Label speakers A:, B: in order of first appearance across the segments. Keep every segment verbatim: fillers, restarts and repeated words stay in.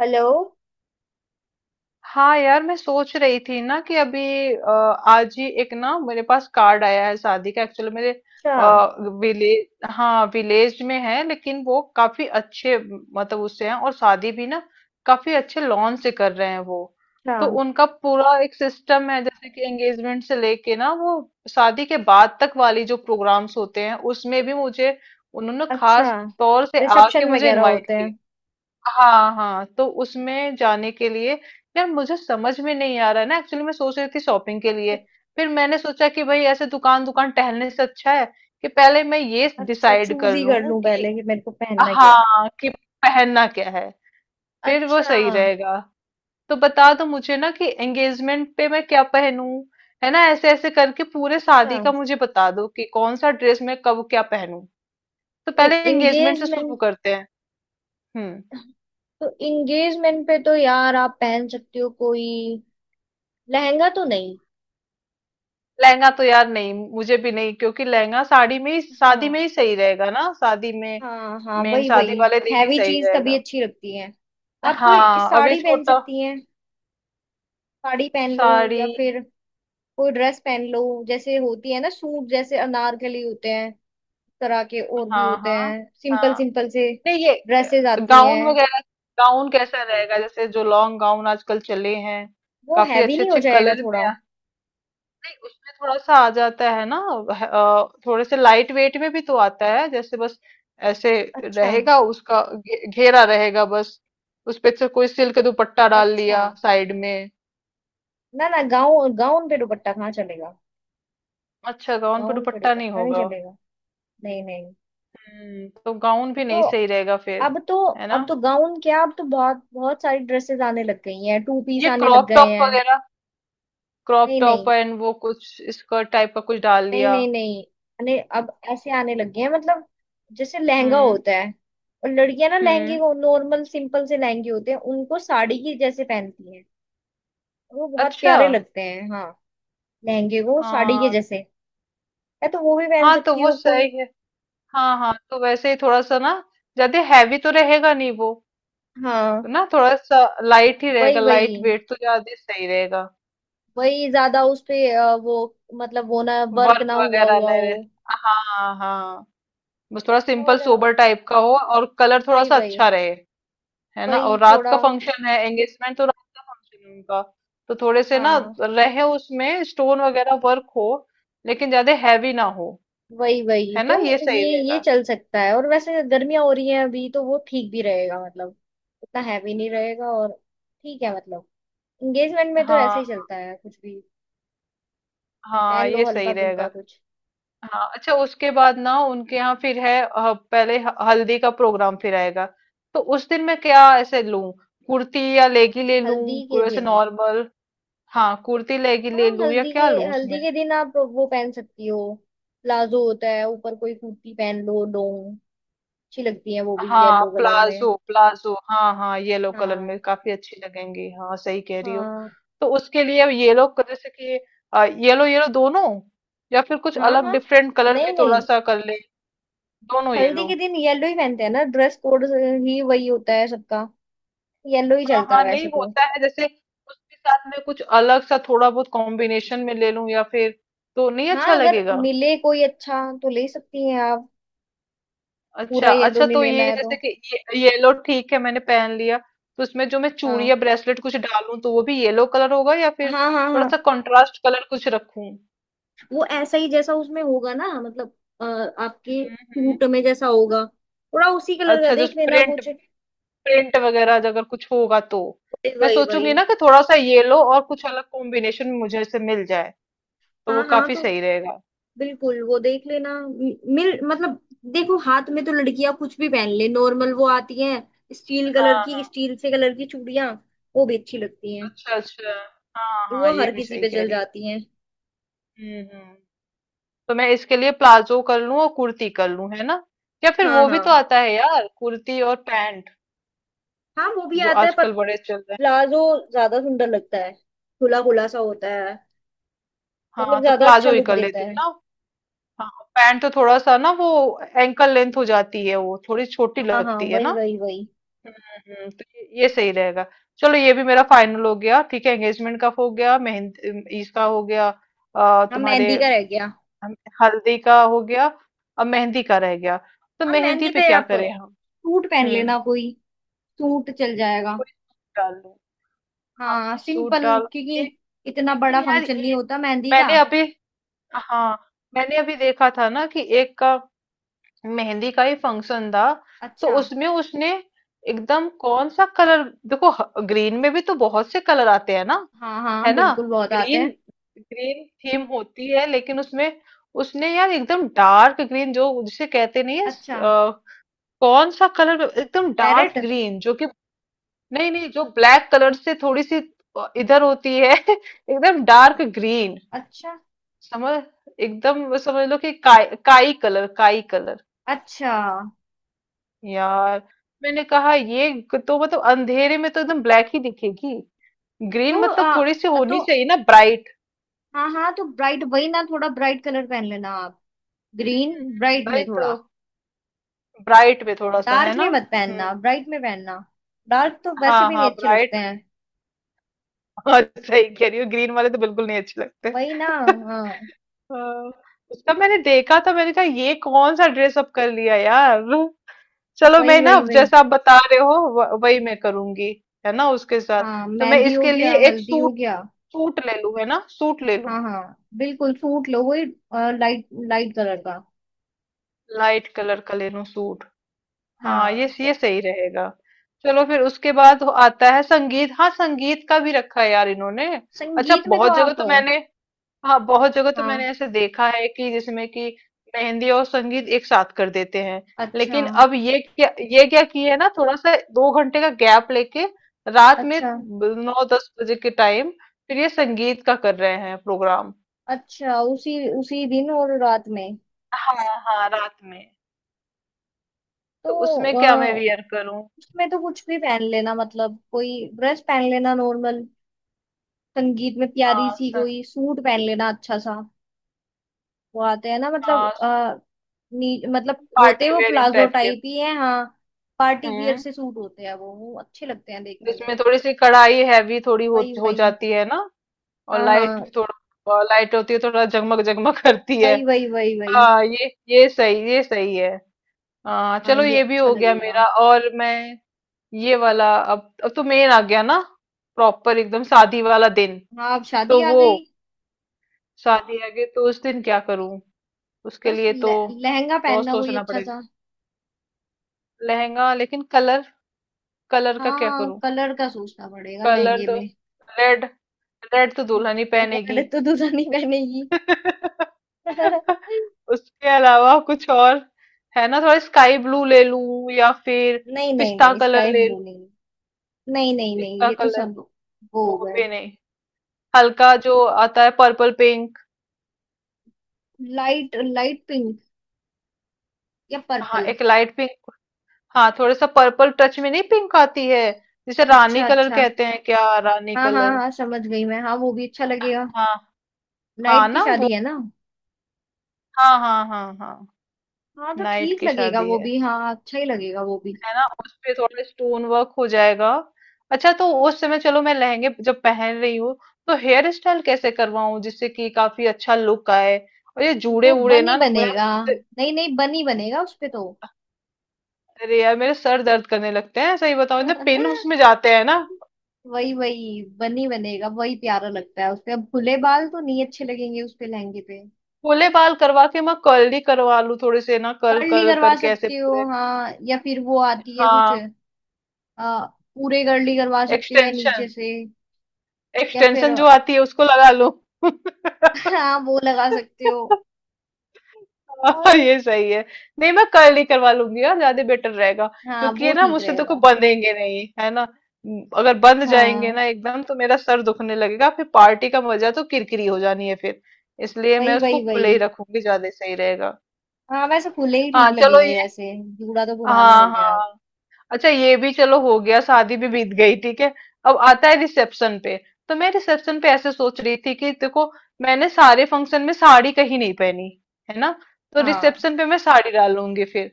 A: Hello.
B: हाँ यार मैं सोच रही थी ना कि अभी अ, आज ही एक ना मेरे पास कार्ड आया है शादी का। एक्चुअली मेरे
A: अच्छा।
B: विलेज, हाँ विलेज में है, लेकिन वो काफी अच्छे म, मतलब उससे हैं। और शादी भी ना काफी अच्छे लॉन से कर रहे हैं वो।
A: अच्छा।
B: तो उनका पूरा एक सिस्टम है, जैसे कि एंगेजमेंट से लेके ना वो शादी के बाद तक वाली जो प्रोग्राम्स होते हैं उसमें भी मुझे उन्होंने
A: अच्छा।
B: खास तौर से आके
A: रिसेप्शन
B: मुझे
A: वगैरह
B: इनवाइट
A: होते
B: किया।
A: हैं।
B: हाँ हाँ, तो उसमें जाने के लिए यार मुझे समझ में नहीं आ रहा है ना। एक्चुअली मैं सोच रही थी शॉपिंग के
A: अच्छा।
B: लिए, फिर मैंने सोचा कि भाई ऐसे दुकान दुकान टहलने से अच्छा है कि पहले मैं ये
A: अच्छा
B: डिसाइड
A: चूज
B: कर
A: ही कर
B: लूं
A: लूं
B: कि
A: पहले कि मेरे को पहनना क्या है।
B: हाँ, कि पहनना क्या है, फिर वो
A: अच्छा।
B: सही रहेगा। तो बता दो मुझे ना कि एंगेजमेंट पे मैं क्या पहनूं। है ना, ऐसे ऐसे करके पूरे
A: अच्छा।
B: शादी का मुझे बता दो कि कौन सा ड्रेस मैं कब क्या पहनूं। तो पहले एंगेजमेंट से शुरू
A: एंगेजमेंट।
B: करते हैं। हम्म।
A: तो एंगेजमेंट पे तो यार आप पहन सकती हो कोई लहंगा तो नहीं।
B: लहंगा तो यार नहीं, मुझे भी नहीं, क्योंकि लहंगा साड़ी में ही, शादी में
A: हाँ।
B: ही सही रहेगा ना, शादी में
A: हाँ हाँ
B: मेन
A: वही
B: शादी
A: वही।
B: वाले दिन ही
A: हैवी
B: सही
A: चीज तभी
B: रहेगा।
A: अच्छी लगती है। आप कोई
B: हाँ अब ये
A: साड़ी पहन
B: छोटा
A: सकती हैं। साड़ी पहन लो या
B: साड़ी।
A: फिर कोई ड्रेस पहन लो। जैसे होती है ना, सूट जैसे अनारकली होते हैं, इस तरह के और भी
B: हाँ
A: होते
B: हाँ।
A: हैं, सिंपल
B: हाँ
A: सिंपल से
B: नहीं ये
A: ड्रेसेस आती हैं।
B: गाउन वगैरह, गाउन कैसा रहेगा जैसे जो लॉन्ग गाउन आजकल चले हैं
A: वो
B: काफी
A: हैवी
B: अच्छे
A: नहीं हो
B: अच्छे
A: जाएगा
B: कलर में।
A: थोड़ा।
B: नहीं उसमें थोड़ा सा आ जाता है ना। वह- अ, थोड़े से लाइट वेट में भी तो आता है, जैसे बस ऐसे
A: अच्छा।
B: रहेगा, उसका घे- घेरा रहेगा बस। उस पे से कोई सिल्क दुपट्टा डाल
A: अच्छा।
B: लिया साइड में।
A: ना ना, गाउन गाउन पे दुपट्टा कहाँ चलेगा।
B: अच्छा, गाउन पे
A: गाउन पे
B: दुपट्टा नहीं
A: दुपट्टा नहीं
B: होगा।
A: चलेगा। नहीं नहीं।
B: हम्म, तो गाउन भी
A: तो
B: नहीं सही रहेगा फिर,
A: अब तो।
B: है ना।
A: अब तो गाउन क्या, अब तो बहुत बहुत सारी ड्रेसेस आने लग गई हैं, टू पीस
B: ये
A: आने लग
B: क्रॉप
A: गए
B: टॉप
A: हैं।
B: वगैरह, क्रॉप
A: नहीं
B: टॉप
A: नहीं
B: एंड वो कुछ स्कर्ट टाइप का कुछ डाल
A: नहीं
B: लिया।
A: नहीं नहीं। अने अब ऐसे आने लग गए हैं मतलब। जैसे लहंगा
B: हम्म
A: होता है, और लड़कियां ना लहंगे
B: हम्म।
A: को नॉर्मल सिंपल से लहंगे होते हैं उनको साड़ी के जैसे पहनती हैं। और वो बहुत
B: अच्छा।
A: प्यारे लगते हैं, हाँ। लहंगे को साड़ी के
B: हाँ
A: जैसे। या तो वो भी पहन
B: हाँ, तो
A: सकती
B: वो
A: हो कोई।
B: सही है। हाँ हाँ, तो वैसे ही थोड़ा सा ना, ज्यादा हैवी तो रहेगा नहीं वो,
A: हाँ
B: ना थोड़ा सा लाइट ही
A: वही
B: रहेगा,
A: वही।
B: लाइट वेट तो ज्यादा सही रहेगा।
A: वही ज्यादा उस पे अ, वो मतलब वो ना, वर्क
B: वर्क
A: ना हुआ
B: वगैरह
A: हुआ
B: नहीं
A: हो।
B: रहे, हाँ हाँ, बस थोड़ा सिंपल
A: और अ,
B: सोबर टाइप का हो और कलर थोड़ा
A: वही
B: सा
A: वही
B: अच्छा रहे। है ना।
A: वही
B: और रात
A: थोड़ा।
B: का फंक्शन है एंगेजमेंट, तो रात का फंक्शन है उनका, तो थोड़े से ना
A: हाँ
B: रहे उसमें स्टोन वगैरह वर्क हो, लेकिन ज्यादा हैवी ना हो।
A: वही वही
B: है ना,
A: तो।
B: ये सही
A: ये ये
B: रहेगा।
A: चल सकता है, और वैसे गर्मियां हो रही हैं अभी तो वो ठीक भी रहेगा मतलब। इतना हैवी नहीं रहेगा और ठीक है मतलब। एंगेजमेंट में तो ऐसे
B: हाँ
A: ही चलता है कुछ भी।
B: हाँ,
A: पहन लो
B: ये सही
A: हल्का फुल्का
B: रहेगा।
A: कुछ।
B: हाँ अच्छा, उसके बाद ना उनके यहाँ फिर है अ, पहले ह- हल्दी का प्रोग्राम फिर आएगा। तो उस दिन मैं क्या ऐसे लूं, कुर्ती या लेगी
A: अच्छा
B: ले लूं
A: हल्दी के
B: कोई ऐसे
A: दिन।
B: नॉर्मल। हाँ कुर्ती लेगी
A: हाँ
B: ले लूं या
A: हल्दी के।
B: क्या लूं
A: हल्दी
B: उसमें।
A: के दिन आप वो पहन सकती हो। प्लाजो होता है, ऊपर कोई कुर्ती पहन लो, लॉन्ग। अच्छी लगती है वो भी
B: हाँ
A: येलो कलर में।
B: प्लाजो प्लाजो, हाँ हाँ येलो कलर में
A: हाँ
B: काफी अच्छी लगेंगी, हाँ सही कह रही हो।
A: हाँ
B: तो उसके लिए येलो, जैसे कि येलो येलो दोनों, या फिर कुछ
A: हाँ
B: अलग
A: हाँ।
B: डिफरेंट कलर भी
A: नहीं
B: थोड़ा
A: नहीं।
B: सा कर ले, दोनों
A: हल्दी
B: येलो।
A: के दिन येलो ही पहनते हैं ना, ड्रेस कोड ही वही होता है सबका। येलो ही
B: हाँ
A: चलता है
B: हाँ,
A: वैसे
B: नहीं
A: तो।
B: होता है जैसे उसके साथ में कुछ अलग सा थोड़ा बहुत कॉम्बिनेशन में ले लूं, या फिर तो नहीं
A: हाँ
B: अच्छा
A: अगर
B: लगेगा।
A: मिले कोई अच्छा तो ले सकती हैं आप। पूरा
B: अच्छा
A: येलो
B: अच्छा,
A: नहीं
B: तो
A: लेना
B: ये
A: है तो।
B: जैसे कि ये येलो ठीक है, मैंने पहन लिया, तो उसमें जो मैं चूड़ी
A: हाँ
B: या ब्रेसलेट कुछ डालूं तो वो भी येलो कलर होगा, या फिर
A: हाँ हाँ
B: थोड़ा
A: हाँ।
B: सा कंट्रास्ट कलर कुछ रखूं।
A: वो ऐसा ही जैसा उसमें होगा ना, मतलब अ, आपके
B: हम्म हम्म।
A: सूट में जैसा होगा। थोड़ा उसी कलर का
B: अच्छा, जो
A: देख लेना
B: प्रिंट,
A: कुछ।
B: प्रिंट वगैरह अगर कुछ होगा तो
A: वही
B: मैं
A: वही
B: सोचूंगी
A: वही।
B: ना कि थोड़ा सा येलो और कुछ अलग कॉम्बिनेशन मुझे से मिल जाए तो वो
A: हाँ हाँ
B: काफी
A: तो
B: सही रहेगा।
A: बिल्कुल वो देख लेना, मि- मिल मतलब। देखो हाथ में तो लड़कियां कुछ भी पहन ले, नॉर्मल वो आती हैं स्टील कलर
B: हाँ
A: की,
B: हाँ।
A: स्टील से कलर की चूड़ियां, वो भी अच्छी लगती हैं।
B: अच्छा, अच्छा। हाँ, हाँ,
A: वो
B: ये
A: हर
B: भी
A: किसी
B: सही
A: पे
B: कह
A: चल
B: रही हो।
A: जाती हैं।
B: हुँ, हुँ। तो मैं इसके लिए प्लाज़ो कर लूँ और कुर्ती कर लूँ, है ना? या फिर
A: हाँ
B: वो भी
A: हाँ।
B: तो आता है यार, कुर्ती और पैंट
A: हाँ वो भी
B: जो
A: आता है, पर
B: आजकल बड़े चल रहे हैं।
A: प्लाजो ज्यादा सुंदर लगता है, खुला खुला सा होता है, मतलब
B: हाँ, तो
A: ज्यादा अच्छा
B: प्लाज़ो ही
A: लुक
B: कर
A: देता
B: लेती हूँ
A: है।
B: ना। हाँ, पैंट तो थोड़ा-सा ना वो एंकल लेंथ हो जाती है वो, थोड़ी छोटी
A: हाँ हाँ
B: लगती है ना?
A: वही वही वही।
B: हुँ, हुँ, तो ये ये सही रहेगा। चलो ये भी मेरा फाइनल हो गया, ठीक है? एंगेजमेंट का हो गया, मेहंद अम, इसका हो गया। अ,
A: हाँ
B: तुम्हारे।
A: मेहंदी का रह गया।
B: हम। हल्दी का हो गया और मेहंदी का रह गया। तो
A: हाँ
B: मेहंदी
A: मेहंदी
B: पे
A: पे
B: क्या
A: आप
B: करें हम।
A: सूट पहन
B: हम्म,
A: लेना कोई, सूट चल जाएगा।
B: कोई सूट डाल लूं। हाँ
A: हाँ
B: सूट
A: सिंपल।
B: डालूंगी।
A: क्योंकि इतना बड़ा
B: लेकिन यार
A: फंक्शन नहीं
B: ये,
A: होता मेहंदी का।
B: मैंने अभी, हाँ मैंने अभी देखा था ना कि एक का मेहंदी का ही फंक्शन था, तो
A: अच्छा।
B: उसमें उसने एकदम कौन सा कलर, देखो ग्रीन में भी तो बहुत से कलर आते हैं ना,
A: हाँ हाँ
B: है ना।
A: बिल्कुल, बहुत आते
B: ग्रीन,
A: हैं।
B: ग्रीन थीम होती है लेकिन उसमें उसने यार एकदम डार्क ग्रीन जो जिसे कहते नहीं है,
A: अच्छा।
B: कौन सा कलर, एकदम डार्क
A: पैरेट।
B: ग्रीन जो कि, नहीं नहीं, जो ब्लैक कलर से थोड़ी सी इधर होती है एकदम डार्क ग्रीन,
A: अच्छा।
B: समझ, एकदम समझ लो कि काई काई कलर, काई कलर
A: अच्छा।
B: यार। मैंने कहा ये तो मतलब अंधेरे में तो एकदम ब्लैक ही दिखेगी,
A: तो
B: ग्रीन मतलब थोड़ी सी
A: आ,
B: होनी
A: तो
B: चाहिए ना ब्राइट।
A: हाँ हाँ, तो ब्राइट वही ना, थोड़ा ब्राइट कलर पहन लेना आप। ग्रीन ब्राइट में
B: भाई तो
A: थोड़ा।
B: ब्राइट में थोड़ा सा, है
A: डार्क
B: ना।
A: में मत
B: हम्म,
A: पहनना, ब्राइट में पहनना। डार्क तो वैसे
B: हाँ
A: भी
B: हाँ
A: नहीं अच्छे लगते
B: ब्राइट,
A: हैं।
B: और सही कह रही हो, ग्रीन वाले तो बिल्कुल नहीं अच्छे लगते
A: वही ना। हाँ
B: हाँ, उसका मैंने देखा था, मैंने कहा ये कौन सा ड्रेस अप कर लिया यार। चलो
A: वही
B: मैं ना
A: वही वही।
B: जैसा आप बता रहे हो व- वही मैं करूंगी, है ना उसके साथ।
A: हाँ
B: तो मैं
A: मेहंदी हो
B: इसके
A: गया,
B: लिए एक
A: हल्दी हो
B: सूट,
A: गया।
B: सूट ले लूं, है ना सूट ले लूं,
A: हाँ हाँ बिल्कुल सूट लो वही, लाइट लाइट कलर का।
B: लाइट कलर का ले लूं सूट। हाँ ये
A: हाँ
B: ये सही रहेगा। चलो फिर उसके बाद आता है संगीत, हाँ संगीत का भी रखा है यार इन्होंने। अच्छा
A: संगीत में तो
B: बहुत जगह
A: आप।
B: तो मैंने, हाँ बहुत जगह तो मैंने
A: हाँ
B: ऐसे देखा है कि जिसमें कि मेहंदी और संगीत एक साथ कर देते हैं,
A: अच्छा।
B: लेकिन अब ये क्या, ये क्या किए, है ना, थोड़ा सा दो घंटे का गैप लेके रात में
A: अच्छा।
B: ब- नौ दस बजे के टाइम फिर ये संगीत का कर रहे हैं प्रोग्राम।
A: अच्छा उसी उसी दिन और रात में।
B: हाँ हाँ, रात में। तो
A: तो
B: उसमें क्या मैं
A: अ,
B: वियर करूं।
A: उसमें तो कुछ भी पहन लेना, मतलब कोई ड्रेस पहन लेना नॉर्मल। संगीत में प्यारी
B: हाँ
A: सी
B: सं,
A: कोई सूट पहन लेना अच्छा सा। वो आते हैं ना, मतलब
B: हाँ
A: आ, नी, मतलब होते
B: पार्टी
A: वो
B: वेयरिंग
A: प्लाजो
B: टाइप के।
A: टाइप ही है, हाँ। पार्टी वियर
B: हम्म,
A: से सूट होते हैं वो वो अच्छे लगते हैं देखने में।
B: जिसमें थोड़ी सी कढ़ाई हैवी थोड़ी हो,
A: वही
B: हो
A: वही।
B: जाती है ना, और
A: हाँ
B: लाइट भी
A: हाँ
B: थोड़ा लाइट होती है, थोड़ा जगमग जगमग करती है।
A: वही वही वही वही।
B: हाँ ये ये सही, ये सही है। हाँ
A: हाँ
B: चलो
A: ये
B: ये भी
A: अच्छा
B: हो गया
A: लगेगा।
B: मेरा, और मैं ये वाला, अब अब तो मेन आ गया ना, प्रॉपर एकदम शादी वाला दिन।
A: हाँ अब शादी
B: तो
A: आ
B: वो,
A: गई।
B: शादी आ गई तो उस दिन क्या करूं, उसके
A: बस
B: लिए तो
A: लह- लहंगा
B: बहुत
A: पहनना कोई
B: सोचना
A: अच्छा
B: पड़ेगा।
A: सा।
B: लहंगा, लेकिन कलर, कलर का क्या
A: हाँ
B: करूं।
A: कलर का सोचना पड़ेगा
B: कलर
A: लहंगे
B: तो
A: में।
B: रेड, रेड तो दुल्हन ही पहनेगी
A: रेड तो दूल्हा नहीं पहनेगी।
B: उसके अलावा कुछ और, है ना, थोड़ा स्काई ब्लू ले लूं या फिर
A: नहीं नहीं
B: पिस्ता
A: नहीं,
B: कलर
A: स्काई
B: ले
A: ब्लू
B: लूं,
A: नहीं। नहीं नहीं नहीं,
B: पिस्ता
A: ये तो
B: कलर,
A: सब वो हो
B: वो
A: गए।
B: भी नहीं। हल्का जो आता है purple pink,
A: light light pink या
B: हाँ
A: पर्पल।
B: एक लाइट पिंक, हाँ थोड़ा सा पर्पल टच में नहीं पिंक आती है, जिसे रानी
A: अच्छा
B: कलर
A: अच्छा।
B: कहते हैं क्या, रानी
A: हाँ हाँ
B: कलर।
A: हाँ, समझ गई मैं, हाँ वो भी अच्छा लगेगा।
B: हाँ हाँ
A: नाइट की
B: ना वो,
A: शादी है ना।
B: हाँ हाँ हाँ हाँ।
A: हाँ तो
B: नाइट
A: ठीक
B: की
A: लगेगा
B: शादी
A: वो
B: है
A: भी, हाँ अच्छा ही लगेगा वो भी।
B: है ना, उस पे थोड़ा स्टोन वर्क हो जाएगा। अच्छा तो उस समय चलो मैं लहंगे जब पहन रही हूँ तो हेयर स्टाइल कैसे करवाऊं जिससे कि काफी अच्छा लुक आए, और ये जूड़े
A: वो
B: उड़े
A: बन ही
B: ना ना,
A: बनेगा।
B: मुझे,
A: नहीं नहीं, बन ही बनेगा उसपे तो।
B: अरे यार मेरे सर दर्द करने लगते हैं, सही बताऊं, इतने पिन उसमें जाते हैं ना।
A: वही वही, बन ही बनेगा, वही प्यारा लगता है उसपे, अब खुले बाल तो नहीं अच्छे लगेंगे उसपे लहंगे पे।
B: खुले बाल करवा के मैं कर्ल ही करवा लूं, थोड़े से ना कर्ल
A: कर्ली
B: कर्ल
A: करवा
B: करके ऐसे
A: सकती हो,
B: पूरे।
A: हाँ, या फिर वो आती है कुछ
B: हाँ
A: आ, पूरे कर्ली करवा सकती हो, या
B: एक्सटेंशन,
A: नीचे से, या फिर।
B: एक्सटेंशन जो आती है उसको लगा लूं
A: हाँ वो लगा सकते हो। और
B: हाँ, ये सही है। नहीं मैं कर्ल ही करवा लूंगी यार, ज्यादा बेटर रहेगा,
A: हाँ
B: क्योंकि
A: वो
B: ये ना
A: ठीक
B: मुझसे तो
A: रहेगा।
B: कोई बंधेंगे नहीं, है ना। म, अगर बंध जाएंगे
A: हाँ
B: ना एकदम तो मेरा सर दुखने लगेगा, फिर पार्टी का मजा तो किरकिरी हो जानी है फिर, इसलिए
A: वही
B: मैं
A: वही
B: उसको
A: वही।
B: खुले ही रखूंगी, ज्यादा सही रहेगा।
A: हाँ वैसे खुले ही
B: हाँ
A: ठीक
B: चलो
A: लगेंगे
B: ये,
A: वैसे, जूड़ा तो पुराना हो
B: हाँ
A: गया अब।
B: हाँ, अच्छा ये भी चलो हो गया, शादी भी बीत गई, ठीक है। अब आता है रिसेप्शन पे, तो मैं रिसेप्शन पे ऐसे सोच रही थी कि देखो मैंने सारे फंक्शन में साड़ी कहीं नहीं पहनी, है ना, तो
A: हाँ
B: रिसेप्शन पे मैं साड़ी डालूंगी फिर,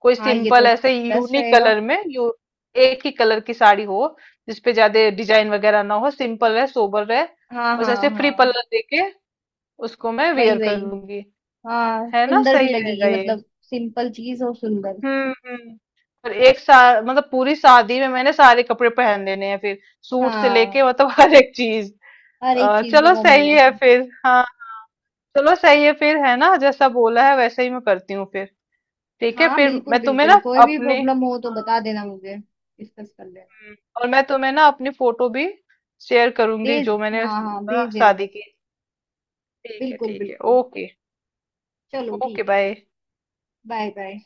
B: कोई
A: हाँ ये
B: सिंपल
A: तो
B: ऐसे
A: बेस्ट
B: यूनिक
A: रहेगा।
B: कलर में, यू एक ही कलर की साड़ी हो जिसपे ज्यादा डिजाइन वगैरह ना हो, सिंपल रहे, सोबर रहे,
A: हाँ
B: बस
A: हाँ
B: ऐसे फ्री
A: हाँ
B: पल्ला देके उसको मैं
A: वही
B: वेयर कर
A: वही।
B: लूंगी,
A: हाँ
B: है ना,
A: सुंदर भी
B: सही
A: लगेगी,
B: रहेगा ये।
A: मतलब सिंपल चीज और सुंदर।
B: हम्म हम्म। और एक साथ मतलब पूरी शादी में मैंने सारे कपड़े पहन लेने हैं फिर, सूट से लेके
A: हाँ
B: मतलब हर एक चीज।
A: हर एक
B: अ,
A: चीज का
B: चलो सही है
A: कॉम्बिनेशन।
B: फिर, हाँ चलो सही है फिर, है ना जैसा बोला है वैसे ही मैं करती हूँ फिर। ठीक है,
A: हाँ
B: फिर
A: बिल्कुल
B: मैं तुम्हें
A: बिल्कुल,
B: ना
A: कोई भी
B: अपने,
A: प्रॉब्लम हो तो बता देना मुझे, डिस्कस कर लेना।
B: हम्म, और मैं तुम्हें ना अपनी फोटो भी शेयर करूंगी
A: भेज
B: जो मैंने,
A: हाँ हाँ
B: हाँ,
A: भेज देना
B: शादी
A: मुझे।
B: की। ठीक है
A: बिल्कुल
B: ठीक है,
A: बिल्कुल।
B: ओके।
A: चलो
B: ओके
A: ठीक है फिर।
B: बाय।
A: Bye bye.